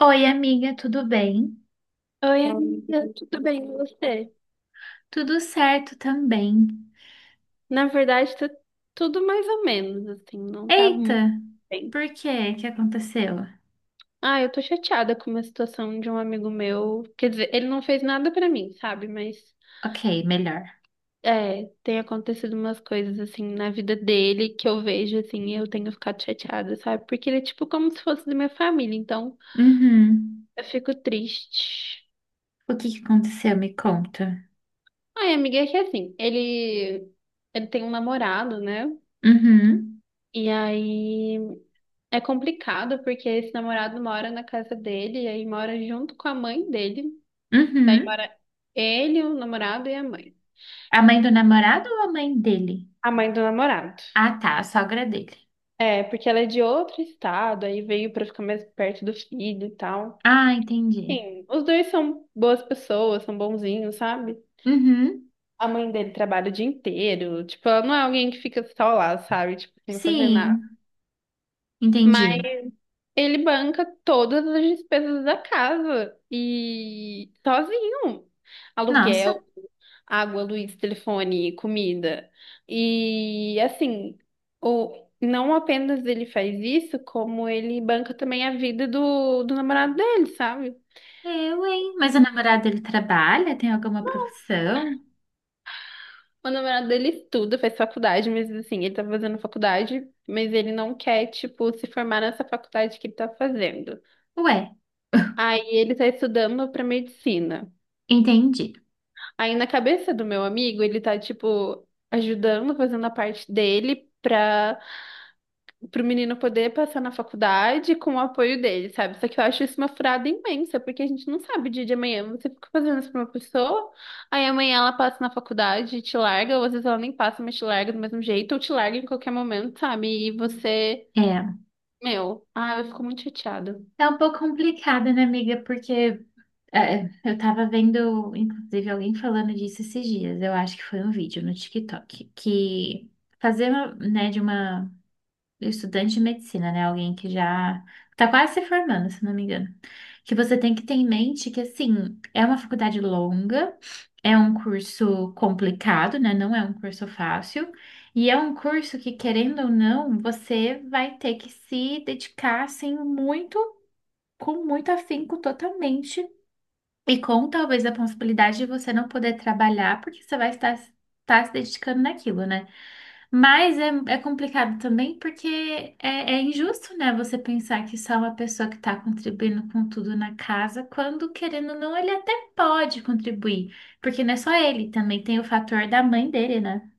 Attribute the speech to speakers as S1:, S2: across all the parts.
S1: Oi, amiga, tudo bem?
S2: Oi, amiga, tudo bem com você?
S1: Tudo certo também.
S2: Na verdade, tá tudo mais ou menos, assim, não tá muito
S1: Eita,
S2: bem.
S1: por quê? O que aconteceu?
S2: Ah, eu tô chateada com uma situação de um amigo meu. Quer dizer, ele não fez nada pra mim, sabe? Mas
S1: Ok, melhor.
S2: é, tem acontecido umas coisas assim na vida dele que eu vejo assim, e eu tenho ficado chateada, sabe? Porque ele é tipo como se fosse da minha família, então
S1: Uhum.
S2: eu fico triste.
S1: O que que aconteceu? Me conta.
S2: Ai, amiga, é que assim, ele tem um namorado, né?
S1: Uhum.
S2: E aí é complicado porque esse namorado mora na casa dele e aí mora junto com a mãe dele. Aí
S1: Uhum.
S2: mora ele, o namorado e a mãe.
S1: A mãe do namorado ou a mãe dele?
S2: A mãe do namorado.
S1: Ah, tá, a sogra dele.
S2: É, porque ela é de outro estado, aí veio pra ficar mais perto do filho e tal.
S1: Ah, entendi.
S2: Sim, os dois são boas pessoas, são bonzinhos, sabe?
S1: Uhum.
S2: A mãe dele trabalha o dia inteiro, tipo, ela não é alguém que fica só lá, sabe? Tipo, sem fazer nada.
S1: Sim,
S2: Mas
S1: entendi.
S2: ele banca todas as despesas da casa e sozinho.
S1: Nossa,
S2: Aluguel, água, luz, telefone, comida. E assim, não apenas ele faz isso, como ele banca também a vida do namorado dele, sabe?
S1: eu, hein? Mas o
S2: E
S1: namorado dele trabalha? Tem alguma profissão?
S2: o namorado dele estuda, faz faculdade, mas assim, ele tá fazendo faculdade, mas ele não quer, tipo, se formar nessa faculdade que ele tá fazendo.
S1: Ué,
S2: Aí ele tá estudando pra medicina.
S1: entendi.
S2: Aí na cabeça do meu amigo, ele tá, tipo, ajudando, fazendo a parte dele pra, pro menino poder passar na faculdade com o apoio dele, sabe? Só que eu acho isso uma furada imensa, porque a gente não sabe o dia de amanhã. Você fica fazendo isso pra uma pessoa, aí amanhã ela passa na faculdade e te larga, ou às vezes ela nem passa, mas te larga do mesmo jeito, ou te larga em qualquer momento, sabe? E você,
S1: É.
S2: meu, ah, eu fico muito chateada.
S1: Tá um pouco complicada, né, amiga? Porque é, eu tava vendo, inclusive, alguém falando disso esses dias. Eu acho que foi um vídeo no TikTok que fazer, né, de uma estudante de medicina, né, alguém que já tá quase se formando, se não me engano, que você tem que ter em mente que assim, é uma faculdade longa, é um curso complicado, né, não é um curso fácil, e é um curso que querendo ou não, você vai ter que se dedicar assim muito, com muito afinco totalmente e com talvez a possibilidade de você não poder trabalhar, porque você vai estar se dedicando naquilo, né? Mas é, é complicado também porque é, é injusto, né? Você pensar que só uma pessoa que está contribuindo com tudo na casa, quando querendo ou não, ele até pode contribuir. Porque não é só ele, também tem o fator da mãe dele, né?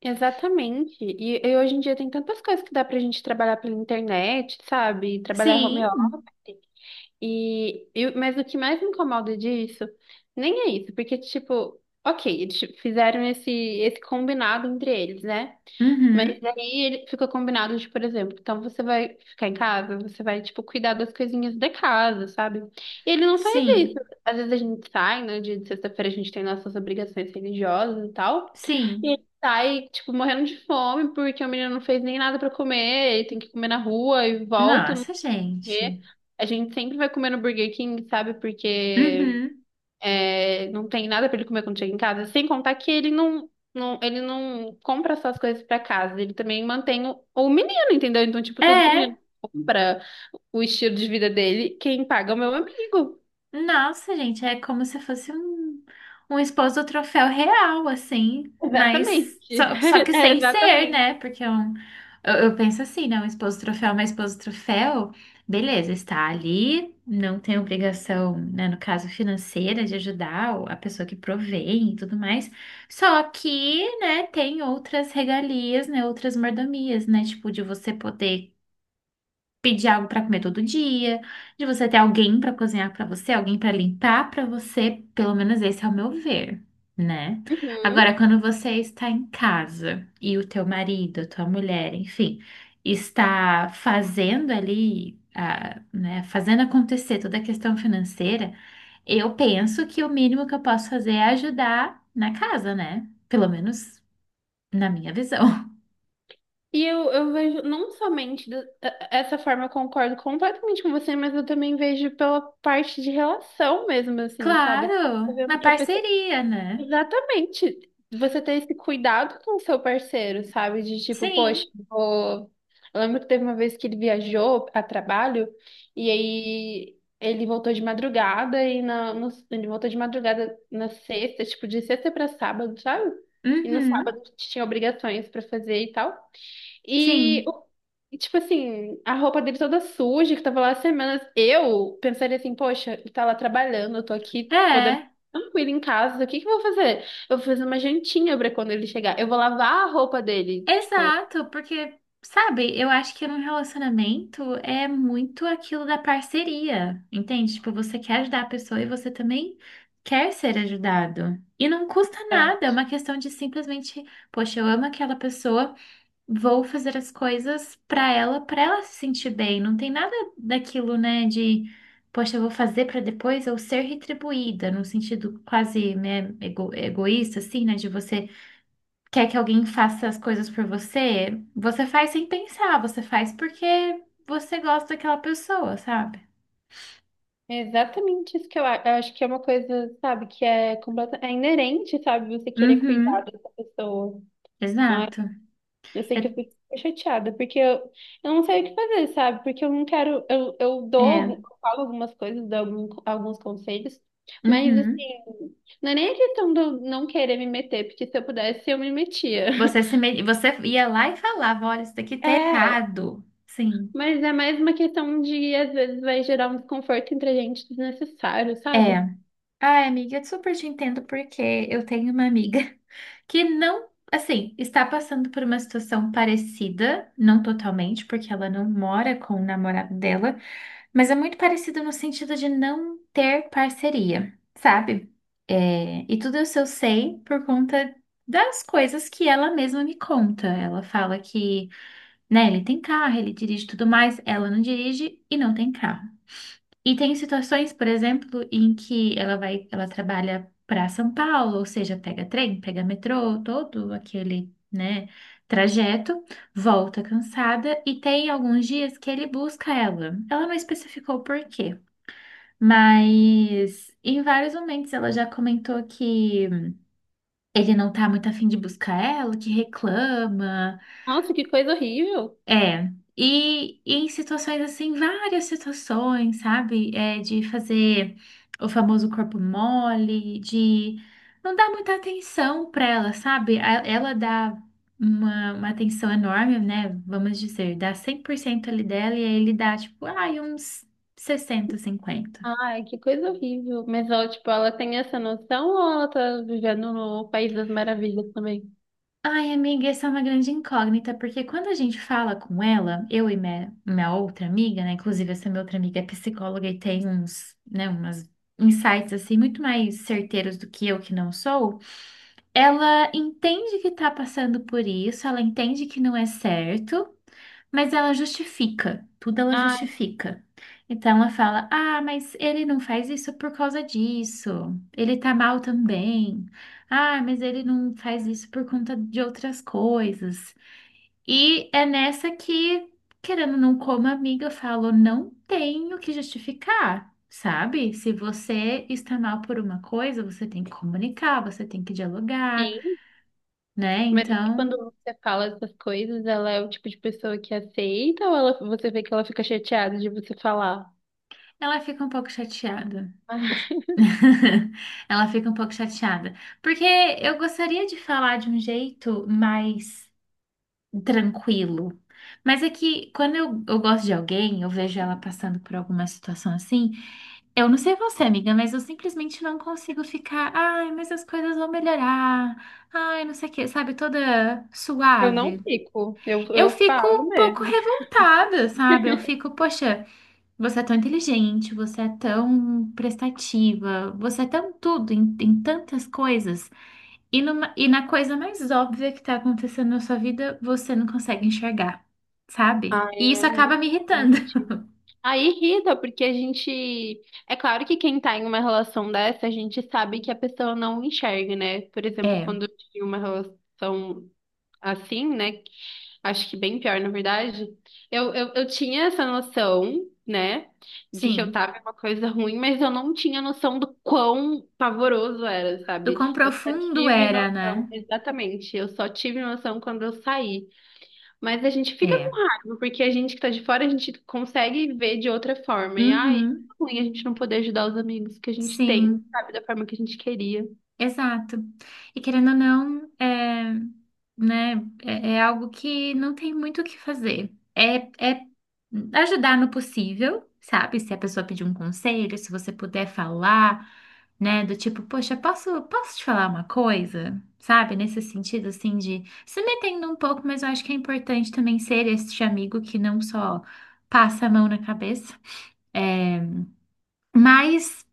S2: Exatamente. E hoje em dia tem tantas coisas que dá pra gente trabalhar pela internet, sabe? Trabalhar home
S1: Sim,
S2: office. Mas o que mais me incomoda disso nem é isso, porque, tipo, ok, eles tipo, fizeram esse combinado entre eles, né?
S1: uhum,
S2: Mas aí ele ficou combinado de, por exemplo, então você vai ficar em casa, você vai, tipo, cuidar das coisinhas da casa, sabe? E ele não faz isso.
S1: sim,
S2: Às vezes a gente sai, no dia de sexta-feira a gente tem nossas obrigações religiosas e tal, e
S1: sim.
S2: ele sai, tipo, morrendo de fome porque o menino não fez nem nada pra comer, ele tem que comer na rua e volta
S1: Nossa,
S2: comer.
S1: gente.
S2: A gente sempre vai comer no Burger King, sabe? Porque
S1: Uhum.
S2: é, não tem nada pra ele comer quando chega em casa. Sem contar que ele ele não compra só as coisas pra casa. Ele também mantém o menino, entendeu? Então, tipo, tudo que o
S1: É.
S2: menino compra, o estilo de vida dele, quem paga é o meu amigo.
S1: Nossa, gente, é como se fosse um, um esposo troféu real, assim, mas
S2: Exatamente.
S1: só, só que
S2: É,
S1: sem ser,
S2: exatamente.
S1: né? Porque é um, eu penso assim, né? Um esposo troféu, é uma esposa troféu, beleza, está ali, não tem obrigação, né? No caso financeira, de ajudar a pessoa que provém e tudo mais, só que, né, tem outras regalias, né? Outras mordomias, né? Tipo, de você poder pedir algo para comer todo dia, de você ter alguém para cozinhar para você, alguém para limpar para você, pelo menos esse é o meu ver, né? Agora,
S2: Uhum.
S1: quando você está em casa e o teu marido, a tua mulher, enfim, está fazendo ali, a, né, fazendo acontecer toda a questão financeira, eu penso que o mínimo que eu posso fazer é ajudar na casa, né? Pelo menos na minha visão.
S2: E eu vejo não somente essa forma, eu concordo completamente com você, mas eu também vejo pela parte de relação mesmo, assim, sabe?
S1: Claro,
S2: Tô
S1: uma
S2: vendo que a pessoa.
S1: parceria, né?
S2: Exatamente. Você ter esse cuidado com o seu parceiro, sabe? De tipo, poxa,
S1: Sim.
S2: eu vou... eu lembro que teve uma vez que ele viajou a trabalho e aí ele voltou de madrugada e na, no- ele voltou de madrugada na sexta, tipo, de sexta pra sábado, sabe? E no
S1: Uhum.
S2: sábado tinha obrigações pra fazer e tal. E,
S1: Sim,
S2: o- tipo assim, a roupa dele toda suja, que tava lá há semanas. Eu pensaria assim, poxa, ele tá lá trabalhando, eu tô aqui podendo
S1: é,
S2: ficar tranquilo em casa, o que que eu vou fazer? Eu vou fazer uma jantinha pra quando ele chegar. Eu vou lavar a roupa dele, tipo.
S1: exato, porque, sabe, eu acho que num relacionamento é muito aquilo da parceria, entende? Tipo, você quer ajudar a pessoa e você também quer ser ajudado. E não custa
S2: Tá.
S1: nada, é uma questão de simplesmente, poxa, eu amo aquela pessoa, vou fazer as coisas pra ela se sentir bem. Não tem nada daquilo, né, de, poxa, eu vou fazer pra depois eu ser retribuída, num sentido quase, né, egoísta, assim, né, de você quer que alguém faça as coisas por você, você faz sem pensar, você faz porque você gosta daquela pessoa, sabe?
S2: É exatamente isso que eu acho. Eu acho que é uma coisa, sabe, que é completa, é inerente, sabe, você querer cuidar
S1: Uhum,
S2: dessa pessoa.
S1: exato.
S2: Eu sei que eu
S1: Eu-
S2: fico super chateada, eu não sei o que fazer, sabe? Porque eu não quero. Eu dou, algum-
S1: é,
S2: eu falo algumas coisas, dou algum- alguns conselhos, mas assim,
S1: uhum.
S2: não é nem a questão de eu não querer me meter, porque se eu pudesse, eu me metia.
S1: Você se me- você ia lá e falava, olha, isso daqui tá
S2: É,
S1: errado. Sim.
S2: mas é mais uma questão de, às vezes, vai gerar um desconforto entre a gente desnecessário, sabe?
S1: É. Ai, amiga, eu super te entendo porque eu tenho uma amiga que não, assim, está passando por uma situação parecida, não totalmente, porque ela não mora com o namorado dela, mas é muito parecido no sentido de não ter parceria, sabe? É, e tudo isso eu sei por conta das coisas que ela mesma me conta. Ela fala que, né, ele tem carro, ele dirige e tudo mais, ela não dirige e não tem carro. E tem situações, por exemplo, em que ela vai, ela trabalha para São Paulo, ou seja, pega trem, pega metrô, todo aquele, né, trajeto, volta cansada e tem alguns dias que ele busca ela. Ela não especificou o porquê, mas em vários momentos ela já comentou que ele não tá muito afim de buscar ela, que reclama.
S2: Nossa, que coisa horrível!
S1: É, e em situações assim, várias situações, sabe? É, de fazer o famoso corpo mole, de não dar muita atenção para ela, sabe? Ela dá uma atenção enorme, né? Vamos dizer, dá 100% ali dela e aí ele dá, tipo, ai, uns 60 50.
S2: Ai, que coisa horrível. Mas ela, tipo, ela tem essa noção ou ela tá vivendo no País das Maravilhas também?
S1: Ai, amiga, essa é uma grande incógnita, porque quando a gente fala com ela, eu e minha outra amiga, né? Inclusive, essa minha outra amiga é psicóloga e tem uns, né, umas insights assim muito mais certeiros do que eu que não sou. Ela entende que tá passando por isso, ela entende que não é certo, mas ela justifica, tudo ela
S2: Ai,
S1: justifica. Então ela fala: Ah, mas ele não faz isso por causa disso. Ele tá mal também. Ah, mas ele não faz isso por conta de outras coisas. E é nessa que, querendo ou não, como amiga, eu falo: Não tenho que justificar. Sabe? Se você está mal por uma coisa, você tem que comunicar, você tem que dialogar,
S2: sim.
S1: né?
S2: Mas
S1: Então.
S2: quando você fala essas coisas, ela é o tipo de pessoa que aceita ou ela, você vê que ela fica chateada de você falar?
S1: Ela fica um pouco chateada.
S2: Ah,
S1: De- Ela fica um pouco chateada. Porque eu gostaria de falar de um jeito mais tranquilo. Mas é que quando eu gosto de alguém, eu vejo ela passando por alguma situação assim. Eu não sei você, amiga, mas eu simplesmente não consigo ficar. Ai, mas as coisas vão melhorar. Ai, não sei o quê, sabe? Toda
S2: eu
S1: suave.
S2: não fico, eu,
S1: Eu
S2: eu
S1: fico
S2: falo
S1: um pouco
S2: mesmo.
S1: revoltada, sabe? Eu fico, poxa. Você é tão inteligente, você é tão prestativa, você é tão tudo, em tantas coisas. E, e na coisa mais óbvia que tá acontecendo na sua vida, você não consegue enxergar, sabe?
S2: Ai,
S1: E isso
S2: é
S1: acaba
S2: muito
S1: me irritando.
S2: triste. Aí irrita, porque a gente. É claro que quem tá em uma relação dessa, a gente sabe que a pessoa não enxerga, né? Por exemplo,
S1: É,
S2: quando eu tive uma relação assim, né? Acho que bem pior, na verdade. Eu tinha essa noção, né, de que eu
S1: sim.
S2: tava em uma coisa ruim, mas eu não tinha noção do quão pavoroso era,
S1: Do quão
S2: sabe? Eu só
S1: profundo
S2: tive
S1: era,
S2: noção,
S1: né?
S2: exatamente. Eu só tive noção quando eu saí. Mas a gente fica com
S1: É.
S2: raiva, porque a gente que tá de fora, a gente consegue ver de outra forma. E ai, é
S1: Uhum,
S2: ruim a gente não poder ajudar os amigos que a gente tem,
S1: sim.
S2: sabe, da forma que a gente queria.
S1: Exato. E querendo ou não, é, né, é, é algo que não tem muito o que fazer. É, é ajudar no possível, sabe? Se a pessoa pedir um conselho, se você puder falar, né, do tipo, poxa, posso te falar uma coisa? Sabe? Nesse sentido, assim, de se metendo um pouco, mas eu acho que é importante também ser este amigo que não só passa a mão na cabeça. É, mas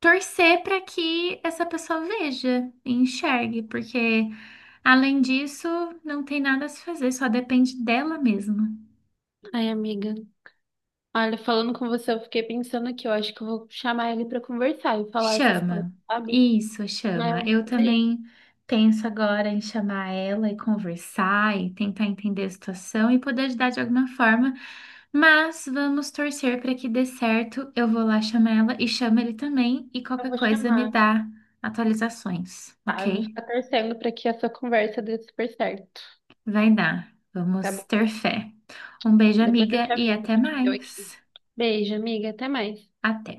S1: torcer para que essa pessoa veja e enxergue, porque além disso, não tem nada a se fazer, só depende dela mesma.
S2: Ai, amiga. Olha, falando com você, eu fiquei pensando que eu acho que eu vou chamar ele pra conversar e falar essas coisas,
S1: Chama.
S2: sabe?
S1: Isso,
S2: É,
S1: chama.
S2: eu
S1: Eu
S2: gostaria.
S1: também penso agora em chamar ela e conversar e tentar entender a situação e poder ajudar de alguma forma, mas vamos torcer para que dê certo. Eu vou lá chamar ela e chamo ele também e
S2: Eu
S1: qualquer
S2: vou
S1: coisa me
S2: chamar,
S1: dá atualizações,
S2: tá? Eu vou
S1: ok?
S2: ficar torcendo pra que essa conversa dê super certo,
S1: Vai dar.
S2: tá
S1: Vamos
S2: bom?
S1: ter fé. Um beijo,
S2: Depois eu
S1: amiga,
S2: te
S1: e
S2: aviso o
S1: até
S2: que que deu aqui.
S1: mais.
S2: Beijo, amiga, até mais.
S1: Até.